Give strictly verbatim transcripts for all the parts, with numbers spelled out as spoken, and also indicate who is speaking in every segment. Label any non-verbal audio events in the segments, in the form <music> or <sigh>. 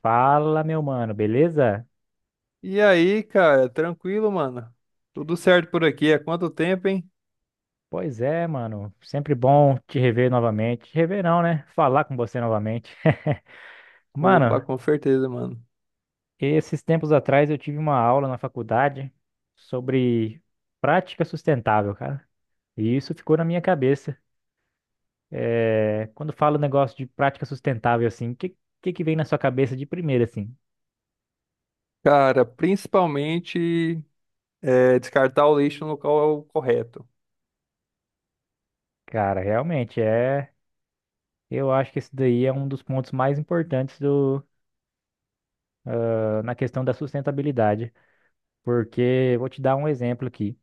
Speaker 1: Fala, meu mano, beleza?
Speaker 2: E aí, cara, tranquilo, mano? Tudo certo por aqui? Há quanto tempo, hein?
Speaker 1: Pois é, mano. Sempre bom te rever novamente. Te rever não, né? Falar com você novamente. <laughs>
Speaker 2: Opa,
Speaker 1: Mano,
Speaker 2: com certeza, mano.
Speaker 1: esses tempos atrás eu tive uma aula na faculdade sobre prática sustentável, cara. E isso ficou na minha cabeça. É, quando falo negócio de prática sustentável, assim, o que, que que vem na sua cabeça de primeira, assim?
Speaker 2: Cara, principalmente é, descartar o lixo no local correto.
Speaker 1: Cara, realmente é. Eu acho que esse daí é um dos pontos mais importantes do... na questão da sustentabilidade. Porque vou te dar um exemplo aqui.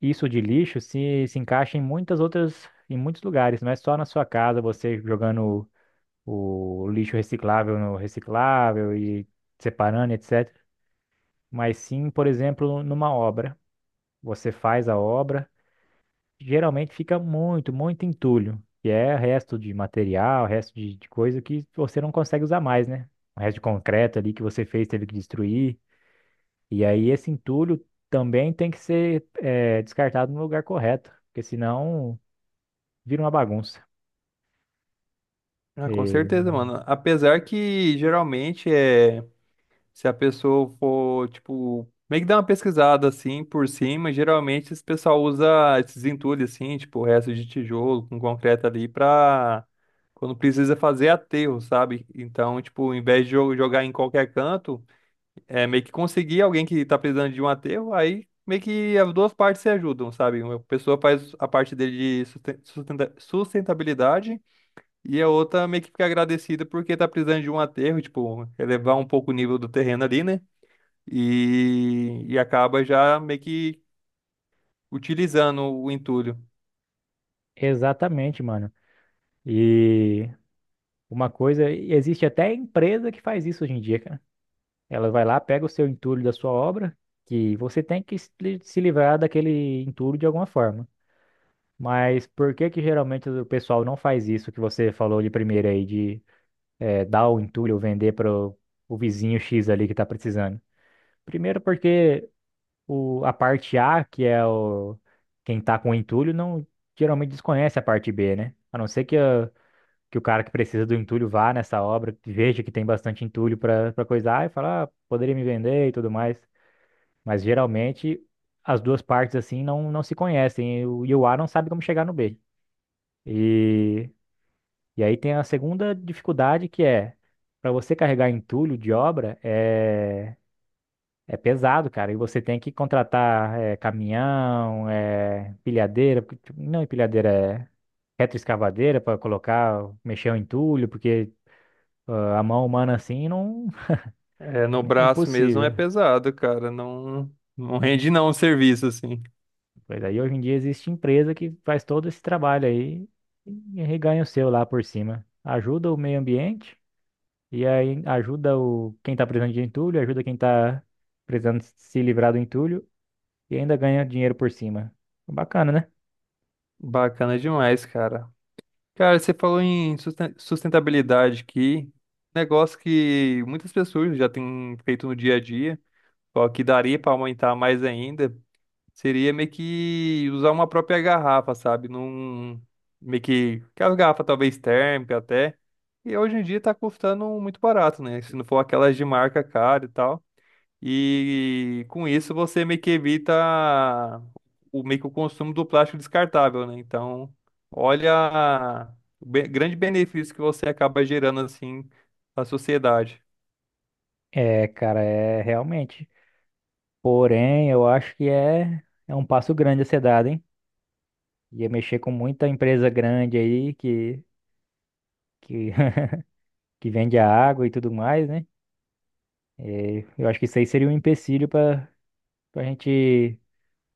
Speaker 1: Isso de lixo se, se encaixa em muitas outras, em muitos lugares, não é só na sua casa, você jogando o, o lixo reciclável no reciclável e separando, et cetera. Mas sim, por exemplo, numa obra. Você faz a obra, geralmente fica muito, muito entulho, que é resto de material, resto de, de coisa que você não consegue usar mais, né? O resto de concreto ali que você fez, teve que destruir. E aí esse entulho também tem que ser eh, descartado no lugar correto, porque senão vira uma bagunça.
Speaker 2: Ah, com
Speaker 1: E-
Speaker 2: certeza, mano. Apesar que geralmente é. Se a pessoa for, tipo, meio que dar uma pesquisada assim por cima, geralmente esse pessoal usa esses entulhos assim, tipo, resto de tijolo com concreto ali pra quando precisa fazer aterro, sabe? Então, tipo, em vez de jo- jogar em qualquer canto, é meio que conseguir alguém que tá precisando de um aterro, aí meio que as duas partes se ajudam, sabe? Uma pessoa faz a parte dele de susten- sustenta- sustentabilidade e a outra meio que fica agradecida porque tá precisando de um aterro, tipo, elevar um pouco o nível do terreno ali, né? e, e acaba já meio que utilizando o entulho.
Speaker 1: Exatamente, mano. E uma coisa, e existe até empresa que faz isso hoje em dia, cara. Ela vai lá, pega o seu entulho da sua obra, que você tem que se li- se livrar daquele entulho de alguma forma. Mas por que que geralmente o pessoal não faz isso que você falou de primeiro aí, de eh, dar o entulho ou vender para o vizinho X ali que tá precisando? Primeiro porque o, a parte A, que é o, quem tá com o entulho, não geralmente desconhece a parte B, né? A não ser que, a- que o cara que precisa do entulho vá nessa obra, que veja que tem bastante entulho pra para coisar e fala, ah, poderia me vender e tudo mais. Mas geralmente as duas partes assim não, não se conhecem e o, e o A não sabe como chegar no B. E, e aí tem a segunda dificuldade que é para você carregar entulho de obra, é é pesado, cara. E você tem que contratar eh, caminhão, eh, empilhadeira, porque, tipo, não empilhadeira, é retroescavadeira para colocar, mexer o entulho, porque ah, a mão humana assim não
Speaker 2: É, no
Speaker 1: <laughs> é
Speaker 2: braço mesmo é
Speaker 1: impossível.
Speaker 2: pesado, cara. Não, não rende não o serviço, assim.
Speaker 1: Pois aí hoje em dia existe empresa que faz todo esse trabalho aí e reganha o seu lá por cima. Ajuda o meio ambiente e aí ajuda o quem tá precisando de entulho, ajuda quem tá precisando se livrar do entulho e ainda ganha dinheiro por cima. Bacana, né?
Speaker 2: Bacana demais, cara. Cara, você falou em susten- sustentabilidade aqui, negócio que muitas pessoas já têm feito no dia a dia, só que daria para aumentar mais ainda. Seria meio que usar uma própria garrafa, sabe? Num, meio que, que as garrafas talvez térmica até. E hoje em dia tá custando muito barato, né? Se não for aquelas de marca cara e tal. E com isso você meio que evita o meio que o consumo do plástico descartável, né? Então, olha o be- grande benefício que você acaba gerando assim na sociedade.
Speaker 1: É, cara, é realmente. Porém, eu acho que é, é um passo grande a ser dado, hein? Ia mexer com muita empresa grande aí que, que, <laughs> que vende a água e tudo mais, né? É, eu acho que isso aí seria um empecilho para a gente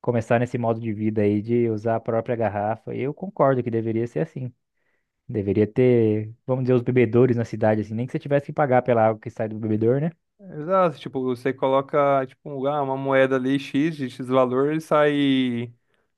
Speaker 1: começar nesse modo de vida aí de usar a própria garrafa. Eu concordo que deveria ser assim. Deveria ter, vamos dizer, os bebedores na cidade, assim, nem que você tivesse que pagar pela água que sai do bebedor, né?
Speaker 2: Exato, tipo, você coloca tipo, um, ah, uma moeda ali X de X valor e sai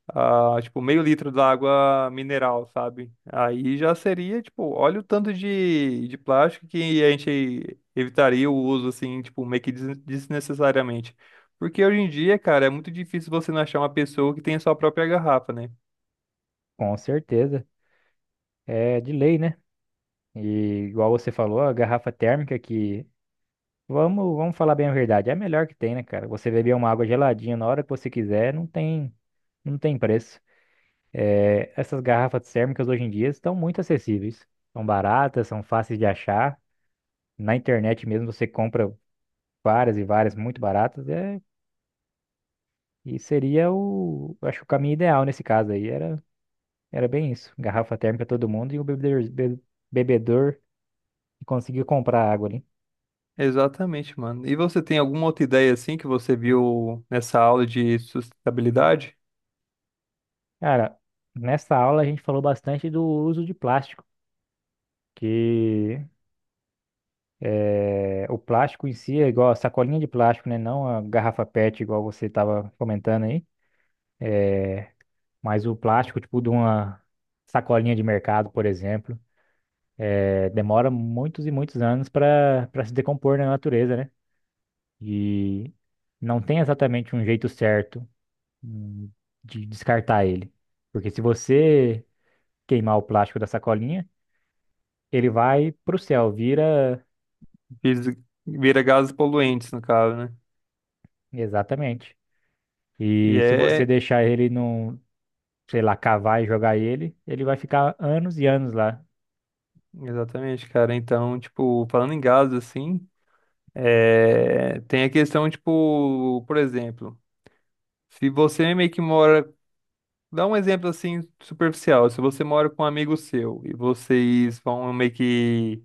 Speaker 2: ah, tipo, meio litro da água mineral, sabe? Aí já seria, tipo, olha o tanto de, de plástico que a gente evitaria o uso, assim, tipo, meio que des- desnecessariamente. Porque hoje em dia, cara, é muito difícil você não achar uma pessoa que tenha sua própria garrafa, né?
Speaker 1: Com certeza. É de lei, né? E igual você falou, a garrafa térmica que Vamos, vamos falar bem a verdade. É a melhor que tem, né, cara? Você beber uma água geladinha na hora que você quiser, não tem, não tem preço. É, essas garrafas térmicas hoje em dia estão muito acessíveis. São baratas, são fáceis de achar. Na internet mesmo você compra várias e várias muito baratas. É, e seria o, eu acho que o caminho ideal nesse caso aí era, era bem isso. Garrafa térmica todo mundo e o bebedor, be- bebedor que conseguiu comprar água ali.
Speaker 2: Exatamente, mano. E você tem alguma outra ideia, assim, que você viu nessa aula de sustentabilidade?
Speaker 1: Cara, nessa aula a gente falou bastante do uso de plástico. Que É, o plástico em si é igual a sacolinha de plástico, né? Não a garrafa P E T, igual você estava comentando aí. Mas o plástico, tipo, de uma sacolinha de mercado, por exemplo, é, demora muitos e muitos anos para para se decompor na natureza, né? E não tem exatamente um jeito certo hum, de descartar ele. Porque se você queimar o plástico da sacolinha, ele vai para o céu, vira.
Speaker 2: Vis- Vira gases poluentes, no caso, né?
Speaker 1: Exatamente.
Speaker 2: E
Speaker 1: E se você
Speaker 2: é.
Speaker 1: deixar ele num, sei lá, cavar e jogar ele, ele vai ficar anos e anos lá,
Speaker 2: Exatamente, cara. Então, tipo, falando em gases, assim. É, tem a questão, tipo, por exemplo, se você meio que mora, dá um exemplo assim superficial, se você mora com um amigo seu e vocês vão meio que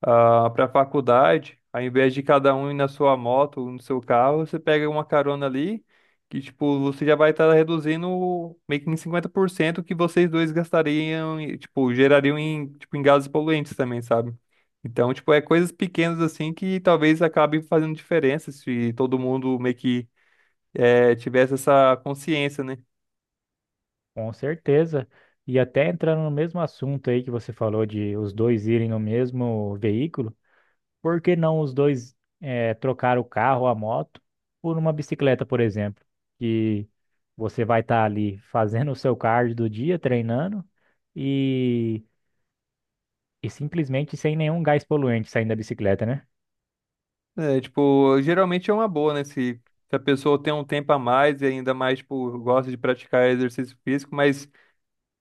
Speaker 2: para a faculdade, ao invés de cada um ir na sua moto ou no seu carro, você pega uma carona ali, que tipo, você já vai estar reduzindo meio que em cinquenta por cento o que vocês dois gastariam e tipo, gerariam em, tipo, em gases poluentes também, sabe? Então, tipo, é coisas pequenas assim que talvez acabe fazendo diferença se todo mundo meio que eh, tivesse essa consciência, né?
Speaker 1: com certeza. E até entrando no mesmo assunto aí que você falou de os dois irem no mesmo veículo, por que não os dois eh, trocar o carro, a moto, por uma bicicleta, por exemplo? Que você vai estar ali fazendo o seu cardio do dia, treinando, e, e simplesmente sem nenhum gás poluente saindo da bicicleta, né?
Speaker 2: É, tipo, geralmente é uma boa, né? Se se a pessoa tem um tempo a mais e ainda mais, tipo, gosta de praticar exercício físico, mas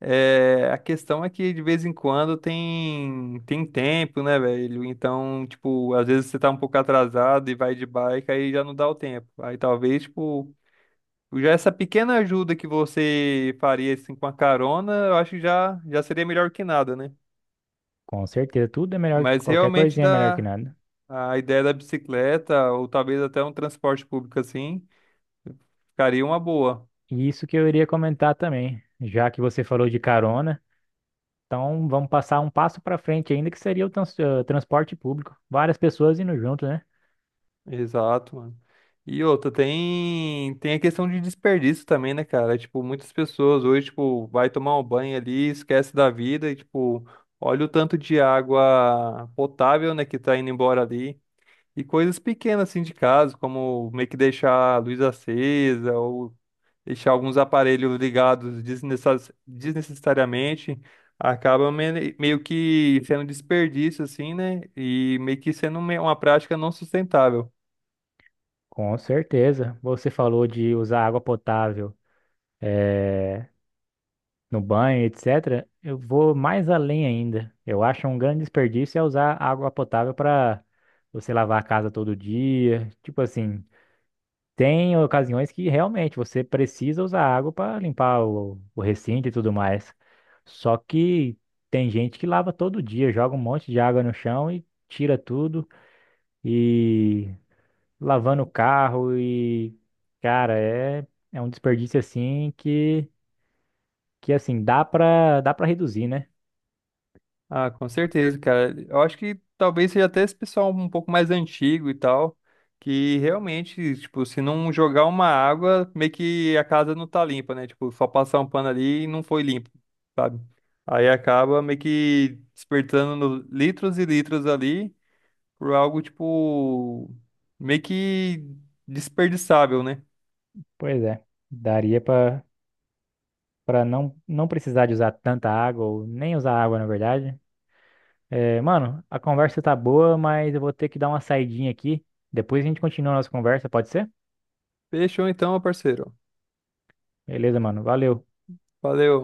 Speaker 2: É, a questão é que de vez em quando tem tem tempo, né, velho? Então, tipo, às vezes você tá um pouco atrasado e vai de bike, aí já não dá o tempo. Aí talvez, tipo, já essa pequena ajuda que você faria assim com a carona, eu acho que já já seria melhor que nada, né?
Speaker 1: Com certeza, tudo é melhor,
Speaker 2: Mas
Speaker 1: qualquer
Speaker 2: realmente
Speaker 1: coisinha é melhor que
Speaker 2: da
Speaker 1: nada.
Speaker 2: a ideia da bicicleta ou talvez até um transporte público assim, ficaria uma boa.
Speaker 1: E isso que eu iria comentar também, já que você falou de carona, então vamos passar um passo para frente ainda, que seria o trans- eh, transporte público. Várias pessoas indo junto, né?
Speaker 2: Exato, mano. E outra, tem, tem a questão de desperdício também, né, cara? Tipo, muitas pessoas hoje, tipo, vai tomar um banho ali, esquece da vida e, tipo, olha o tanto de água potável, né, que tá indo embora ali. E coisas pequenas, assim, de casa, como meio que deixar a luz acesa ou deixar alguns aparelhos ligados desnecess- desnecessariamente, acaba me- meio que sendo desperdício, assim, né? E meio que sendo me- uma prática não sustentável.
Speaker 1: Com certeza. Você falou de usar água potável, eh, no banho, et cetera. Eu vou mais além ainda. Eu acho um grande desperdício é usar água potável para você lavar a casa todo dia. Tipo assim, tem ocasiões que realmente você precisa usar água para limpar o, o recinto e tudo mais. Só que tem gente que lava todo dia, joga um monte de água no chão e tira tudo e lavando o carro e cara, é é um desperdício assim que que assim dá para dá para reduzir, né?
Speaker 2: Ah, com certeza, cara. Eu acho que talvez seja até esse pessoal um pouco mais antigo e tal, que realmente, tipo, se não jogar uma água, meio que a casa não tá limpa, né? Tipo, só passar um pano ali e não foi limpo, sabe? Aí acaba meio que despertando no- litros e litros ali por algo, tipo, meio que desperdiçável, né?
Speaker 1: Pois é. Daria para para não não precisar de usar tanta água ou nem usar água, na verdade. É, mano, a conversa tá boa, mas eu vou ter que dar uma saidinha aqui. Depois a gente continua a nossa conversa, pode ser?
Speaker 2: Fechou então, meu parceiro.
Speaker 1: Beleza, mano. Valeu.
Speaker 2: Valeu.